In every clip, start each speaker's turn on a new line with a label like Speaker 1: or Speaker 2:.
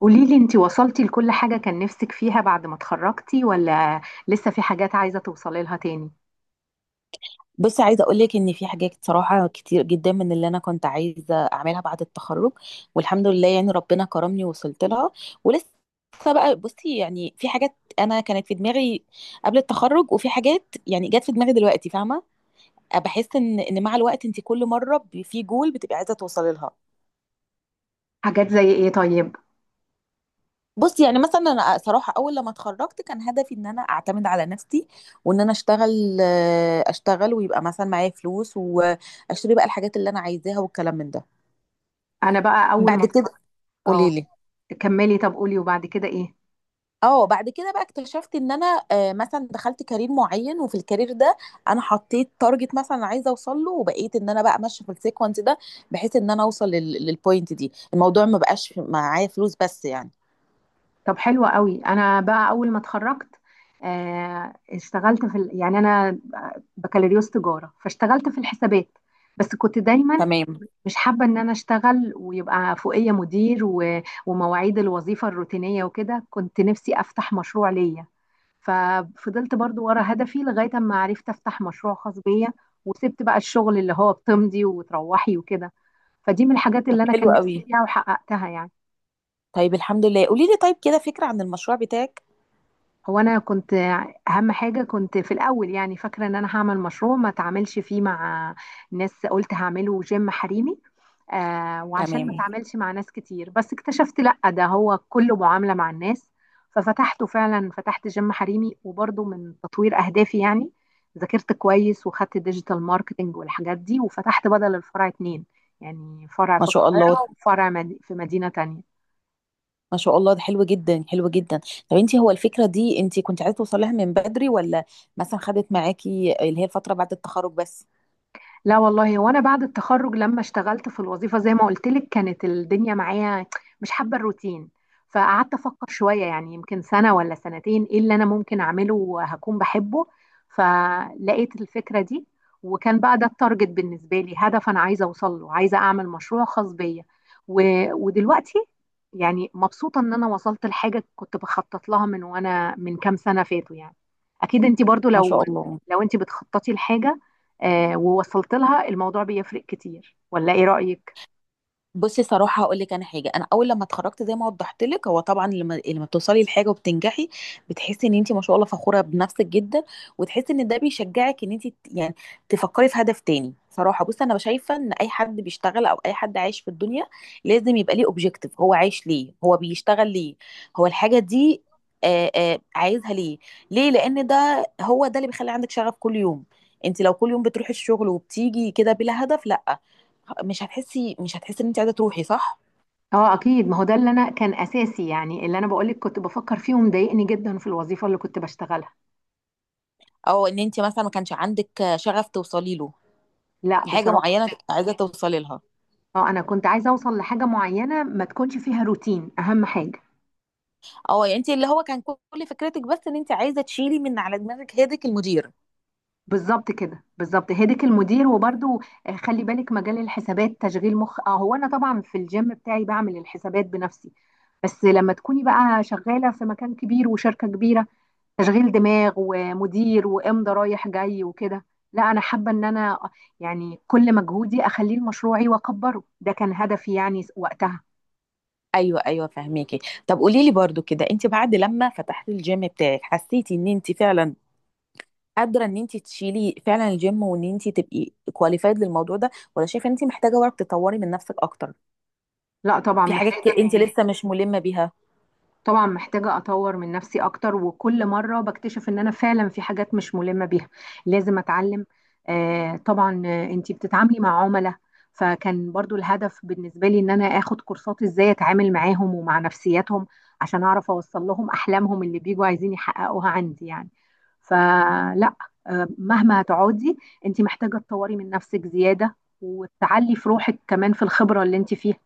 Speaker 1: قوليلي انتي وصلتي لكل حاجة كان نفسك فيها بعد ما اتخرجتي ولا لسه في حاجات عايزة توصلي لها تاني؟
Speaker 2: بصي عايزه اقول لك ان في حاجات صراحه كتير جدا من اللي انا كنت عايزه اعملها بعد التخرج، والحمد لله ربنا كرمني ووصلت لها ولسه. بقى بصي في حاجات انا كانت في دماغي قبل التخرج، وفي حاجات يعني جت في دماغي دلوقتي، فاهمه. بحس ان مع الوقت انت كل مره في جول بتبقي عايزه توصلي لها.
Speaker 1: حاجات زي ايه طيب؟
Speaker 2: بصي يعني مثلا انا صراحه اول لما اتخرجت كان هدفي ان انا اعتمد على نفسي، وان انا اشتغل. ويبقى مثلا معايا فلوس واشتري بقى الحاجات اللي انا عايزاها والكلام من ده.
Speaker 1: انا بقى اول
Speaker 2: بعد
Speaker 1: ما
Speaker 2: كده
Speaker 1: اتخرجت. اه،
Speaker 2: قولي لي.
Speaker 1: كملي. طب قولي وبعد كده ايه؟
Speaker 2: اه، بعد كده بقى اكتشفت ان انا مثلا دخلت كارير معين، وفي الكارير ده انا حطيت تارجت مثلا عايزه اوصل له، وبقيت ان انا بقى ماشيه في السيكونس ده بحيث ان انا اوصل للبوينت دي. الموضوع ما بقاش معايا فلوس بس يعني.
Speaker 1: طب حلوة قوي. انا بقى اول ما اتخرجت اشتغلت في ال... يعني بكالوريوس تجارة، فاشتغلت في الحسابات. بس كنت دايما
Speaker 2: تمام.
Speaker 1: مش حابة ان انا اشتغل ويبقى فوقية مدير و... ومواعيد الوظيفة الروتينية وكده. كنت نفسي افتح مشروع ليا، ففضلت برضو ورا هدفي لغاية اما عرفت افتح مشروع خاص بيا، وسبت بقى الشغل اللي هو بتمضي وتروحي وكده. فدي من الحاجات
Speaker 2: طب
Speaker 1: اللي انا
Speaker 2: حلو
Speaker 1: كان نفسي
Speaker 2: قوي.
Speaker 1: فيها وحققتها.
Speaker 2: طيب الحمد لله، قولي لي طيب كده فكره عن المشروع بتاعك.
Speaker 1: هو انا كنت اهم حاجه كنت في الاول، فاكره ان انا هعمل مشروع ما اتعاملش فيه مع ناس. قلت هعمله جيم حريمي، وعشان ما
Speaker 2: تمام.
Speaker 1: اتعاملش مع ناس كتير. بس اكتشفت لا، ده هو كله معامله مع الناس. ففتحته فعلا، فتحت جيم حريمي، وبرضه من تطوير اهدافي يعني ذاكرت كويس وخدت ديجيتال ماركتنج والحاجات دي، وفتحت بدل الفرع اتنين، يعني فرع
Speaker 2: ما
Speaker 1: في
Speaker 2: شاء الله.
Speaker 1: القاهره وفرع في مدينه تانية.
Speaker 2: ما شاء الله ده حلو جدا، حلو جدا. طب انت هو الفكره دي انت كنت عايزه توصلها من بدري، ولا مثلا خدت معاكي اللي هي الفتره بعد التخرج بس؟
Speaker 1: لا والله، وانا بعد التخرج لما اشتغلت في الوظيفه زي ما قلت لك كانت الدنيا معايا مش حابه الروتين، فقعدت افكر شويه يعني يمكن سنه ولا سنتين ايه اللي انا ممكن اعمله وهكون بحبه، فلقيت الفكره دي. وكان بقى ده التارجت بالنسبه لي، هدف انا عايزه اوصل له، عايزه اعمل مشروع خاص بيا و... ودلوقتي يعني مبسوطه ان انا وصلت لحاجه كنت بخطط لها من وانا من كام سنه فاتوا يعني. اكيد انت برضو
Speaker 2: ما
Speaker 1: لو
Speaker 2: شاء الله.
Speaker 1: لو انت بتخططي لحاجه ووصلت لها الموضوع بيفرق كتير، ولا ايه رأيك؟
Speaker 2: بصي صراحة هقول لك أنا حاجة. أنا أول لما اتخرجت زي ما وضحت لك، هو طبعا لما بتوصلي لحاجة وبتنجحي بتحسي إن أنت ما شاء الله فخورة بنفسك جدا، وتحسي إن ده بيشجعك إن أنت تفكري في هدف تاني. صراحة بصي أنا شايفة إن أي حد بيشتغل أو أي حد عايش في الدنيا لازم يبقى ليه أوبجيكتيف. هو عايش ليه، هو بيشتغل ليه، هو الحاجة دي عايزها ليه، ليه؟ لأن ده هو ده اللي بيخلي عندك شغف كل يوم. أنت لو كل يوم بتروحي الشغل وبتيجي كده بلا هدف، لا، مش هتحسي ان انت عايزه تروحي. صح؟
Speaker 1: اه اكيد، ما هو ده اللي انا كان اساسي يعني اللي انا بقولك كنت بفكر فيه ومضايقني جدا في الوظيفه اللي كنت بشتغلها.
Speaker 2: او ان انت مثلا ما كانش عندك شغف توصلي له،
Speaker 1: لا
Speaker 2: حاجه
Speaker 1: بصراحه،
Speaker 2: معينه عايزه توصلي لها.
Speaker 1: اه انا كنت عايزه اوصل لحاجه معينه ما تكونش فيها روتين، اهم حاجه.
Speaker 2: اه، يعني انت اللي هو كان كل فكرتك بس ان انت عايزه تشيلي من على دماغك هيدك المدير.
Speaker 1: بالظبط كده، بالظبط هدك المدير. وبرده خلي بالك مجال الحسابات تشغيل مخ. اه، هو انا طبعا في الجيم بتاعي بعمل الحسابات بنفسي، بس لما تكوني بقى شغاله في مكان كبير وشركه كبيره تشغيل دماغ ومدير وامضى رايح جاي وكده. لا، انا حابه ان انا يعني كل مجهودي اخليه لمشروعي واكبره، ده كان هدفي يعني وقتها.
Speaker 2: ايوه فهميكي. طب قولي لي برضو كده، انت بعد لما فتحتي الجيم بتاعك حسيتي ان انت فعلا قادره ان انت تشيلي فعلا الجيم، وان انت تبقي كواليفايد للموضوع ده؟ ولا شايفه ان انت محتاجه برضه تطوري من نفسك اكتر،
Speaker 1: لا طبعا
Speaker 2: في
Speaker 1: محتاج،
Speaker 2: حاجات انت لسه مش ملمه بيها؟
Speaker 1: طبعا محتاجة أطور من نفسي أكتر، وكل مرة بكتشف إن أنا فعلا في حاجات مش ملمة بيها، لازم أتعلم. طبعا، أنتي بتتعاملي مع عملاء، فكان برضو الهدف بالنسبة لي إن أنا آخد كورسات إزاي أتعامل معاهم ومع نفسياتهم عشان أعرف أوصل لهم أحلامهم اللي بيجوا عايزين يحققوها عندي يعني. فلا، مهما هتقعدي أنتي محتاجة تطوري من نفسك زيادة، وتعلي في روحك كمان في الخبرة اللي أنتي فيها.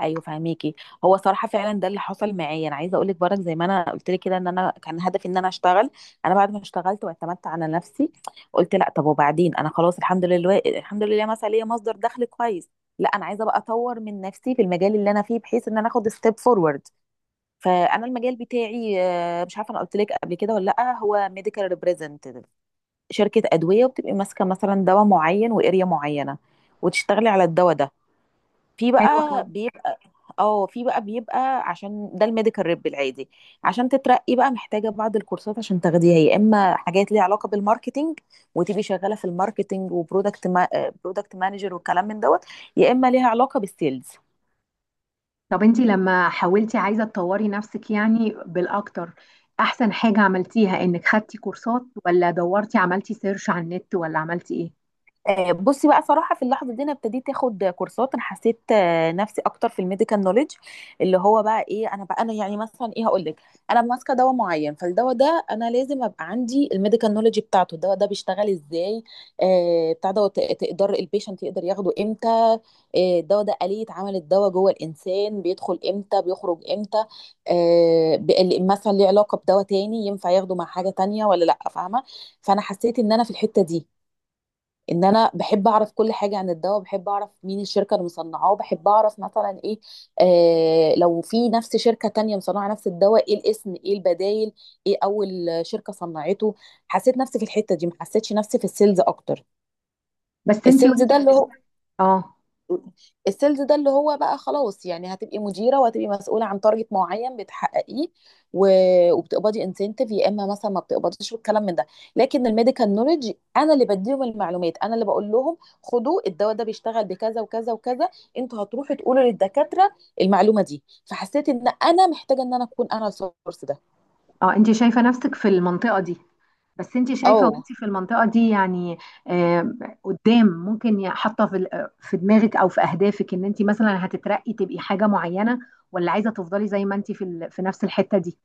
Speaker 2: ايوه فهميكي. هو صراحه فعلا ده اللي حصل معايا. انا عايزه اقول لك برك، زي ما انا قلت لك كده، ان انا كان هدفي ان انا اشتغل. انا بعد ما اشتغلت واعتمدت على نفسي قلت لا، طب وبعدين، انا خلاص الحمد لله، الحمد لله مثلا ليا مصدر دخل كويس، لا انا عايزه بقى اطور من نفسي في المجال اللي انا فيه بحيث ان انا اخد ستيب فورورد. فانا المجال بتاعي مش عارفه انا قلت لك قبل كده ولا لا، هو ميديكال ريبريزنتيف. شركه ادويه وبتبقي ماسكه مثلا دواء معين، واريا معينه وتشتغلي على الدواء ده. في بقى
Speaker 1: حلوة.
Speaker 2: بيبقى. اه، في بقى بيبقى، عشان ده الميديكال ريب العادي. عشان تترقي بقى محتاجه بعض الكورسات عشان تاخديها، يا اما حاجات ليها علاقه بالماركتينج وتبقي شغاله في الماركتينج وبرودكت ما... برودكت مانجر والكلام من دوت، يا اما ليها علاقه بالسيلز.
Speaker 1: طب انتي لما حاولتي عايزة تطوري نفسك يعني بالأكتر، أحسن حاجة عملتيها إنك خدتي كورسات، ولا دورتي عملتي سيرش على النت، ولا عملتي إيه؟
Speaker 2: بصي بقى صراحة في اللحظة دي أنا ابتديت آخد كورسات. أنا حسيت نفسي أكتر في الميديكال نوليدج. اللي هو بقى إيه، أنا بقى أنا يعني مثلا إيه، هقول لك. أنا ماسكة دواء معين، فالدواء ده أنا لازم أبقى عندي الميديكال نوليدج بتاعته. الدواء ده بيشتغل إزاي، بتاع ده، تقدر البيشنت يقدر ياخده إمتى، الدواء ده آلية عمل الدواء جوه الإنسان، بيدخل إمتى بيخرج إمتى، مثلا ليه علاقة بدواء تاني ينفع ياخده مع حاجة تانية ولا لأ، فاهمة. فأنا حسيت إن أنا في الحتة دي، ان انا بحب اعرف كل حاجه عن الدواء، بحب اعرف مين الشركه اللي مصنعاه، بحب اعرف مثلا ايه، لو في نفس شركه تانية مصنعه نفس الدواء، ايه الاسم، ايه البدايل، ايه اول شركه صنعته. حسيت نفسي في الحته دي، ما حسيتش نفسي في السيلز اكتر.
Speaker 1: بس انتي
Speaker 2: السيلز
Speaker 1: وانتي
Speaker 2: ده اللي هو،
Speaker 1: بتشتغلي. اه.
Speaker 2: بقى خلاص يعني هتبقي مديره وهتبقي مسؤوله عن تارجت معين بتحققيه، وبتقبضي انسنتيف يا اما مثلا ما بتقبضيش والكلام من ده. لكن الميديكال نوليدج انا اللي بديهم المعلومات، انا اللي بقول لهم خدوا الدواء ده بيشتغل بكذا وكذا وكذا، انتوا هتروحوا تقولوا للدكاتره المعلومه دي. فحسيت ان انا محتاجه ان انا اكون انا السورس ده.
Speaker 1: اه، انتي شايفة نفسك في المنطقة دي؟ بس انتي شايفة
Speaker 2: اه،
Speaker 1: وانتي في المنطقة دي يعني آه قدام ممكن حاطة في في دماغك أو في أهدافك إن انتي مثلا هتترقي تبقي حاجة معينة، ولا عايزة تفضلي زي ما انتي في في نفس الحتة دي؟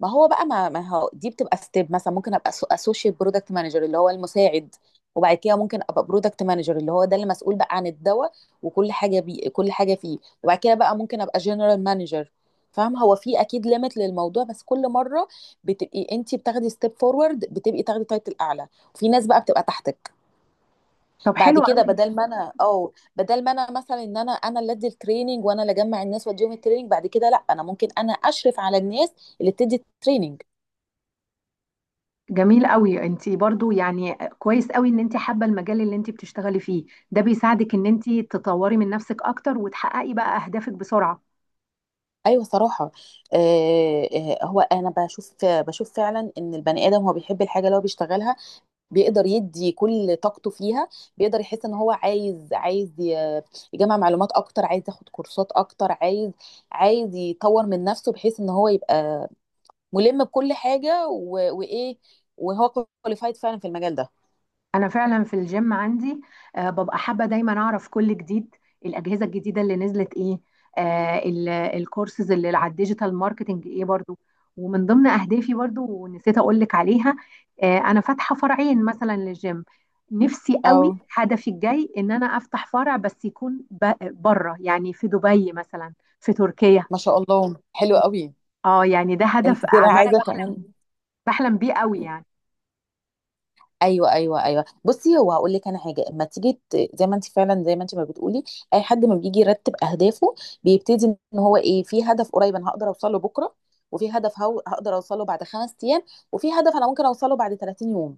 Speaker 2: ما هو دي بتبقى ستيب، مثلا ممكن ابقى اسوشيت برودكت مانجر اللي هو المساعد، وبعد كده ممكن ابقى برودكت مانجر اللي هو ده اللي مسؤول بقى عن الدواء وكل حاجه كل حاجه فيه، وبعد كده بقى ممكن ابقى جنرال مانجر. فاهم، هو في اكيد ليميت للموضوع، بس كل مره بتبقي انت بتاخدي ستيب فورورد، بتبقي تاخدي تايتل اعلى وفي ناس بقى بتبقى تحتك.
Speaker 1: طب
Speaker 2: بعد
Speaker 1: حلو
Speaker 2: كده
Speaker 1: قوي.
Speaker 2: بدل ما انا، او بدل ما انا مثلا ان انا، انا اللي ادي التريننج وانا اللي اجمع الناس واديهم التريننج، بعد كده لا انا ممكن انا اشرف على الناس اللي بتدي التريننج.
Speaker 1: جميل قوي. انت برضو يعني كويس قوي ان انت حابه المجال اللي انت بتشتغلي فيه، ده بيساعدك ان انت تطوري من نفسك اكتر وتحققي بقى اهدافك بسرعه.
Speaker 2: ايوه صراحه. آه، هو انا بشوف فعلا ان البني ادم هو بيحب الحاجه اللي هو بيشتغلها، بيقدر يدي كل طاقته فيها، بيقدر يحس ان هو عايز يجمع معلومات اكتر، عايز ياخد كورسات اكتر، عايز يطور من نفسه بحيث ان هو يبقى ملم بكل حاجه وايه، وهو كواليفايد فعلا في المجال ده.
Speaker 1: انا فعلا في الجيم عندي ببقى حابه دايما اعرف كل جديد، الاجهزه الجديده اللي نزلت ايه، الكورسز اللي على الديجيتال ماركتنج ايه برضو. ومن ضمن اهدافي برضو ونسيت اقول لك عليها، انا فاتحه فرعين مثلا للجيم. نفسي قوي،
Speaker 2: اه
Speaker 1: هدفي الجاي ان انا افتح فرع بس يكون بره، يعني في دبي مثلا، في تركيا.
Speaker 2: ما شاء الله حلو قوي.
Speaker 1: اه يعني ده هدف
Speaker 2: انت كده
Speaker 1: عماله
Speaker 2: عايزه
Speaker 1: بحلم،
Speaker 2: كمان.
Speaker 1: بحلم بيه قوي يعني.
Speaker 2: ايوه بصي هو هقول لك انا حاجه. اما تيجي زي ما انت فعلا، زي ما انت ما بتقولي، اي حد ما بيجي يرتب اهدافه بيبتدي ان هو ايه، في هدف قريب انا هقدر اوصل له بكره، وفي هدف هو هقدر اوصل له بعد خمس ايام، وفي هدف انا ممكن اوصله بعد 30 يوم.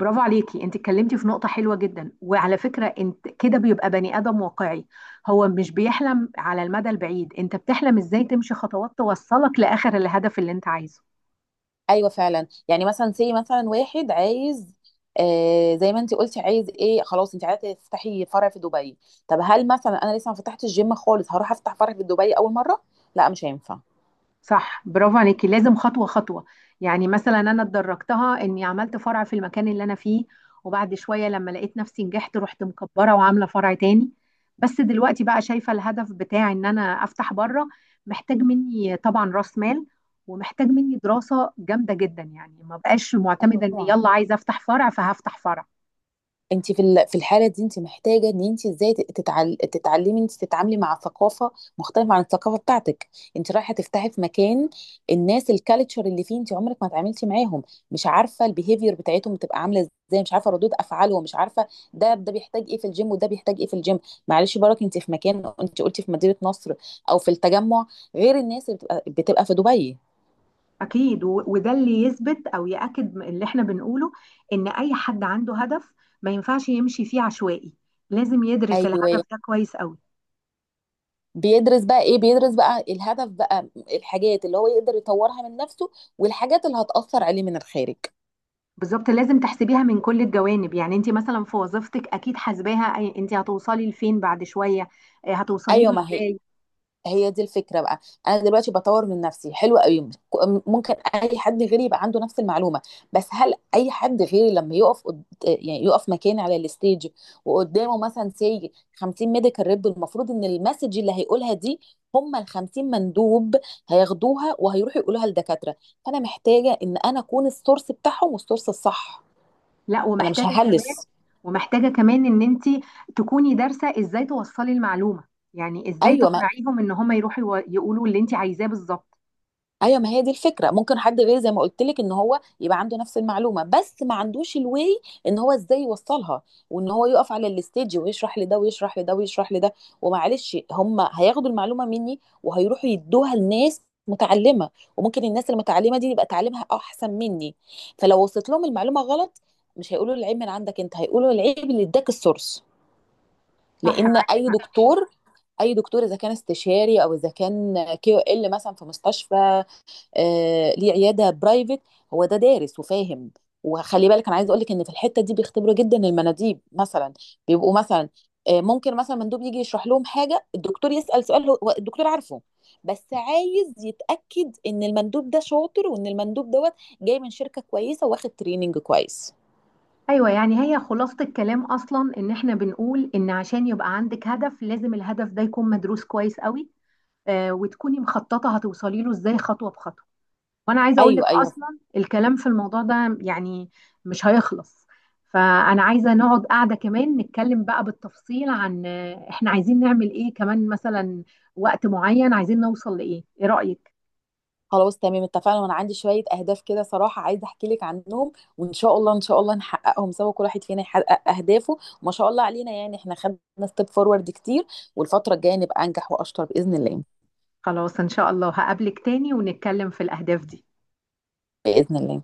Speaker 1: برافو عليكي، انت اتكلمتي في نقطة حلوة جدا، وعلى فكرة انت كده بيبقى بني آدم واقعي، هو مش بيحلم على المدى البعيد، انت بتحلم ازاي تمشي خطوات توصلك لآخر الهدف اللي انت عايزه.
Speaker 2: ايوه فعلا. يعني مثلا سي مثلا واحد عايز، زي ما انت قلتي عايز ايه، خلاص انت عايزه تفتحي فرع في دبي. طب هل مثلا انا لسه ما فتحتش الجيم خالص هروح افتح فرع في دبي اول مره؟ لا مش هينفع.
Speaker 1: صح، برافو عليكي، لازم خطوة خطوة. يعني مثلا أنا اتدرجتها إني عملت فرع في المكان اللي أنا فيه، وبعد شوية لما لقيت نفسي نجحت رحت مكبرة وعاملة فرع تاني. بس دلوقتي بقى شايفة الهدف بتاع إن أنا أفتح بره، محتاج مني طبعا رأس مال، ومحتاج مني دراسة جامدة جدا، يعني ما بقاش معتمدة إن
Speaker 2: ايوه
Speaker 1: يلا عايزة أفتح فرع فهفتح فرع.
Speaker 2: انت في في الحاله دي انت محتاجه ان انت ازاي تتعلمي انت تتعاملي مع ثقافه مختلفه عن الثقافه بتاعتك. انت رايحه تفتحي في مكان الناس الكالتشر اللي فيه انت عمرك ما اتعاملتي معاهم، مش عارفه البيهيفير بتاعتهم بتبقى عامله ازاي، مش عارفه ردود افعالهم، مش عارفه ده ده بيحتاج ايه في الجيم وده بيحتاج ايه في الجيم. معلش برك انت في مكان، انت قلتي في مدينه نصر او في التجمع، غير الناس اللي بتبقى في دبي.
Speaker 1: أكيد، وده اللي يثبت أو يأكد اللي إحنا بنقوله، إن أي حد عنده هدف ما ينفعش يمشي فيه عشوائي، لازم يدرس الهدف
Speaker 2: ايوه
Speaker 1: ده كويس قوي.
Speaker 2: بيدرس بقى ايه، بيدرس بقى الهدف بقى، الحاجات اللي هو يقدر يطورها من نفسه، والحاجات اللي هتأثر عليه من الخارج.
Speaker 1: بالظبط، لازم تحسبيها من كل الجوانب. يعني أنت مثلا في وظيفتك أكيد حاسباها أنت هتوصلي لفين بعد شوية، هتوصلي
Speaker 2: ايوه
Speaker 1: له
Speaker 2: ما هي،
Speaker 1: إزاي.
Speaker 2: هي دي الفكرة بقى. أنا دلوقتي بطور من نفسي حلو قوي، ممكن أي حد غيري يبقى عنده نفس المعلومة، بس هل أي حد غيري لما يعني يقف مكاني على الستيج وقدامه مثلا سي 50 ميديكال ريب، المفروض إن المسج اللي هيقولها دي هم ال 50 مندوب هياخدوها وهيروحوا يقولوها للدكاترة. فأنا محتاجة إن أنا أكون السورس بتاعهم والسورس الصح.
Speaker 1: لا،
Speaker 2: أنا مش
Speaker 1: ومحتاجة كمان،
Speaker 2: ههلس.
Speaker 1: ومحتاجة كمان إن أنت تكوني دارسة إزاي توصلي المعلومة، يعني إزاي
Speaker 2: أيوة،
Speaker 1: تقنعيهم إن هم يروحوا يقولوا اللي أنت عايزاه بالظبط.
Speaker 2: ايوه ما هي دي الفكره. ممكن حد غير زي ما قلت لك ان هو يبقى عنده نفس المعلومه، بس ما عندوش الواي ان هو ازاي يوصلها، وان هو يقف على الستيج ويشرح لده ويشرح لده ويشرح لده. ومعلش هم هياخدوا المعلومه مني وهيروحوا يدوها لناس متعلمه، وممكن الناس المتعلمه دي يبقى تعليمها احسن مني، فلو وصلت لهم المعلومه غلط مش هيقولوا العيب من عندك انت، هيقولوا العيب اللي اداك السورس.
Speaker 1: صح،
Speaker 2: لان
Speaker 1: معاكي
Speaker 2: اي
Speaker 1: حق.
Speaker 2: دكتور، اذا كان استشاري او اذا كان كيو ال مثلا في مستشفى، ليه عياده برايفت، هو ده دارس وفاهم. وخلي بالك انا عايز اقول لك ان في الحته دي بيختبروا جدا المناديب. مثلا بيبقوا مثلا، ممكن مثلا مندوب يجي يشرح لهم حاجه، الدكتور يسال سؤال هو هو الدكتور عارفه، بس عايز يتاكد ان المندوب ده شاطر وان المندوب دوت جاي من شركه كويسه واخد تريننج كويس.
Speaker 1: ايوه، يعني هي خلاصة الكلام اصلا ان احنا بنقول ان عشان يبقى عندك هدف لازم الهدف ده يكون مدروس كويس قوي، وتكوني مخططة هتوصلي له ازاي خطوة بخطوة. وانا عايزة اقول لك
Speaker 2: ايوه
Speaker 1: اصلا الكلام في الموضوع ده يعني مش هيخلص، فانا عايزة نقعد قاعدة كمان نتكلم بقى بالتفصيل عن احنا عايزين نعمل ايه كمان، مثلا وقت معين عايزين نوصل لايه، ايه رأيك؟
Speaker 2: خلاص تمام اتفقنا. وانا عندي شوية اهداف كده صراحة عايزة احكي لك عنهم، وان شاء الله، نحققهم سوا. كل واحد فينا يحقق اهدافه، وما شاء الله علينا يعني احنا خدنا ستيب فورورد كتير، والفترة الجاية نبقى انجح واشطر بإذن الله.
Speaker 1: خلاص ان شاء الله، هقابلك تاني ونتكلم في الاهداف دي.
Speaker 2: بإذن الله.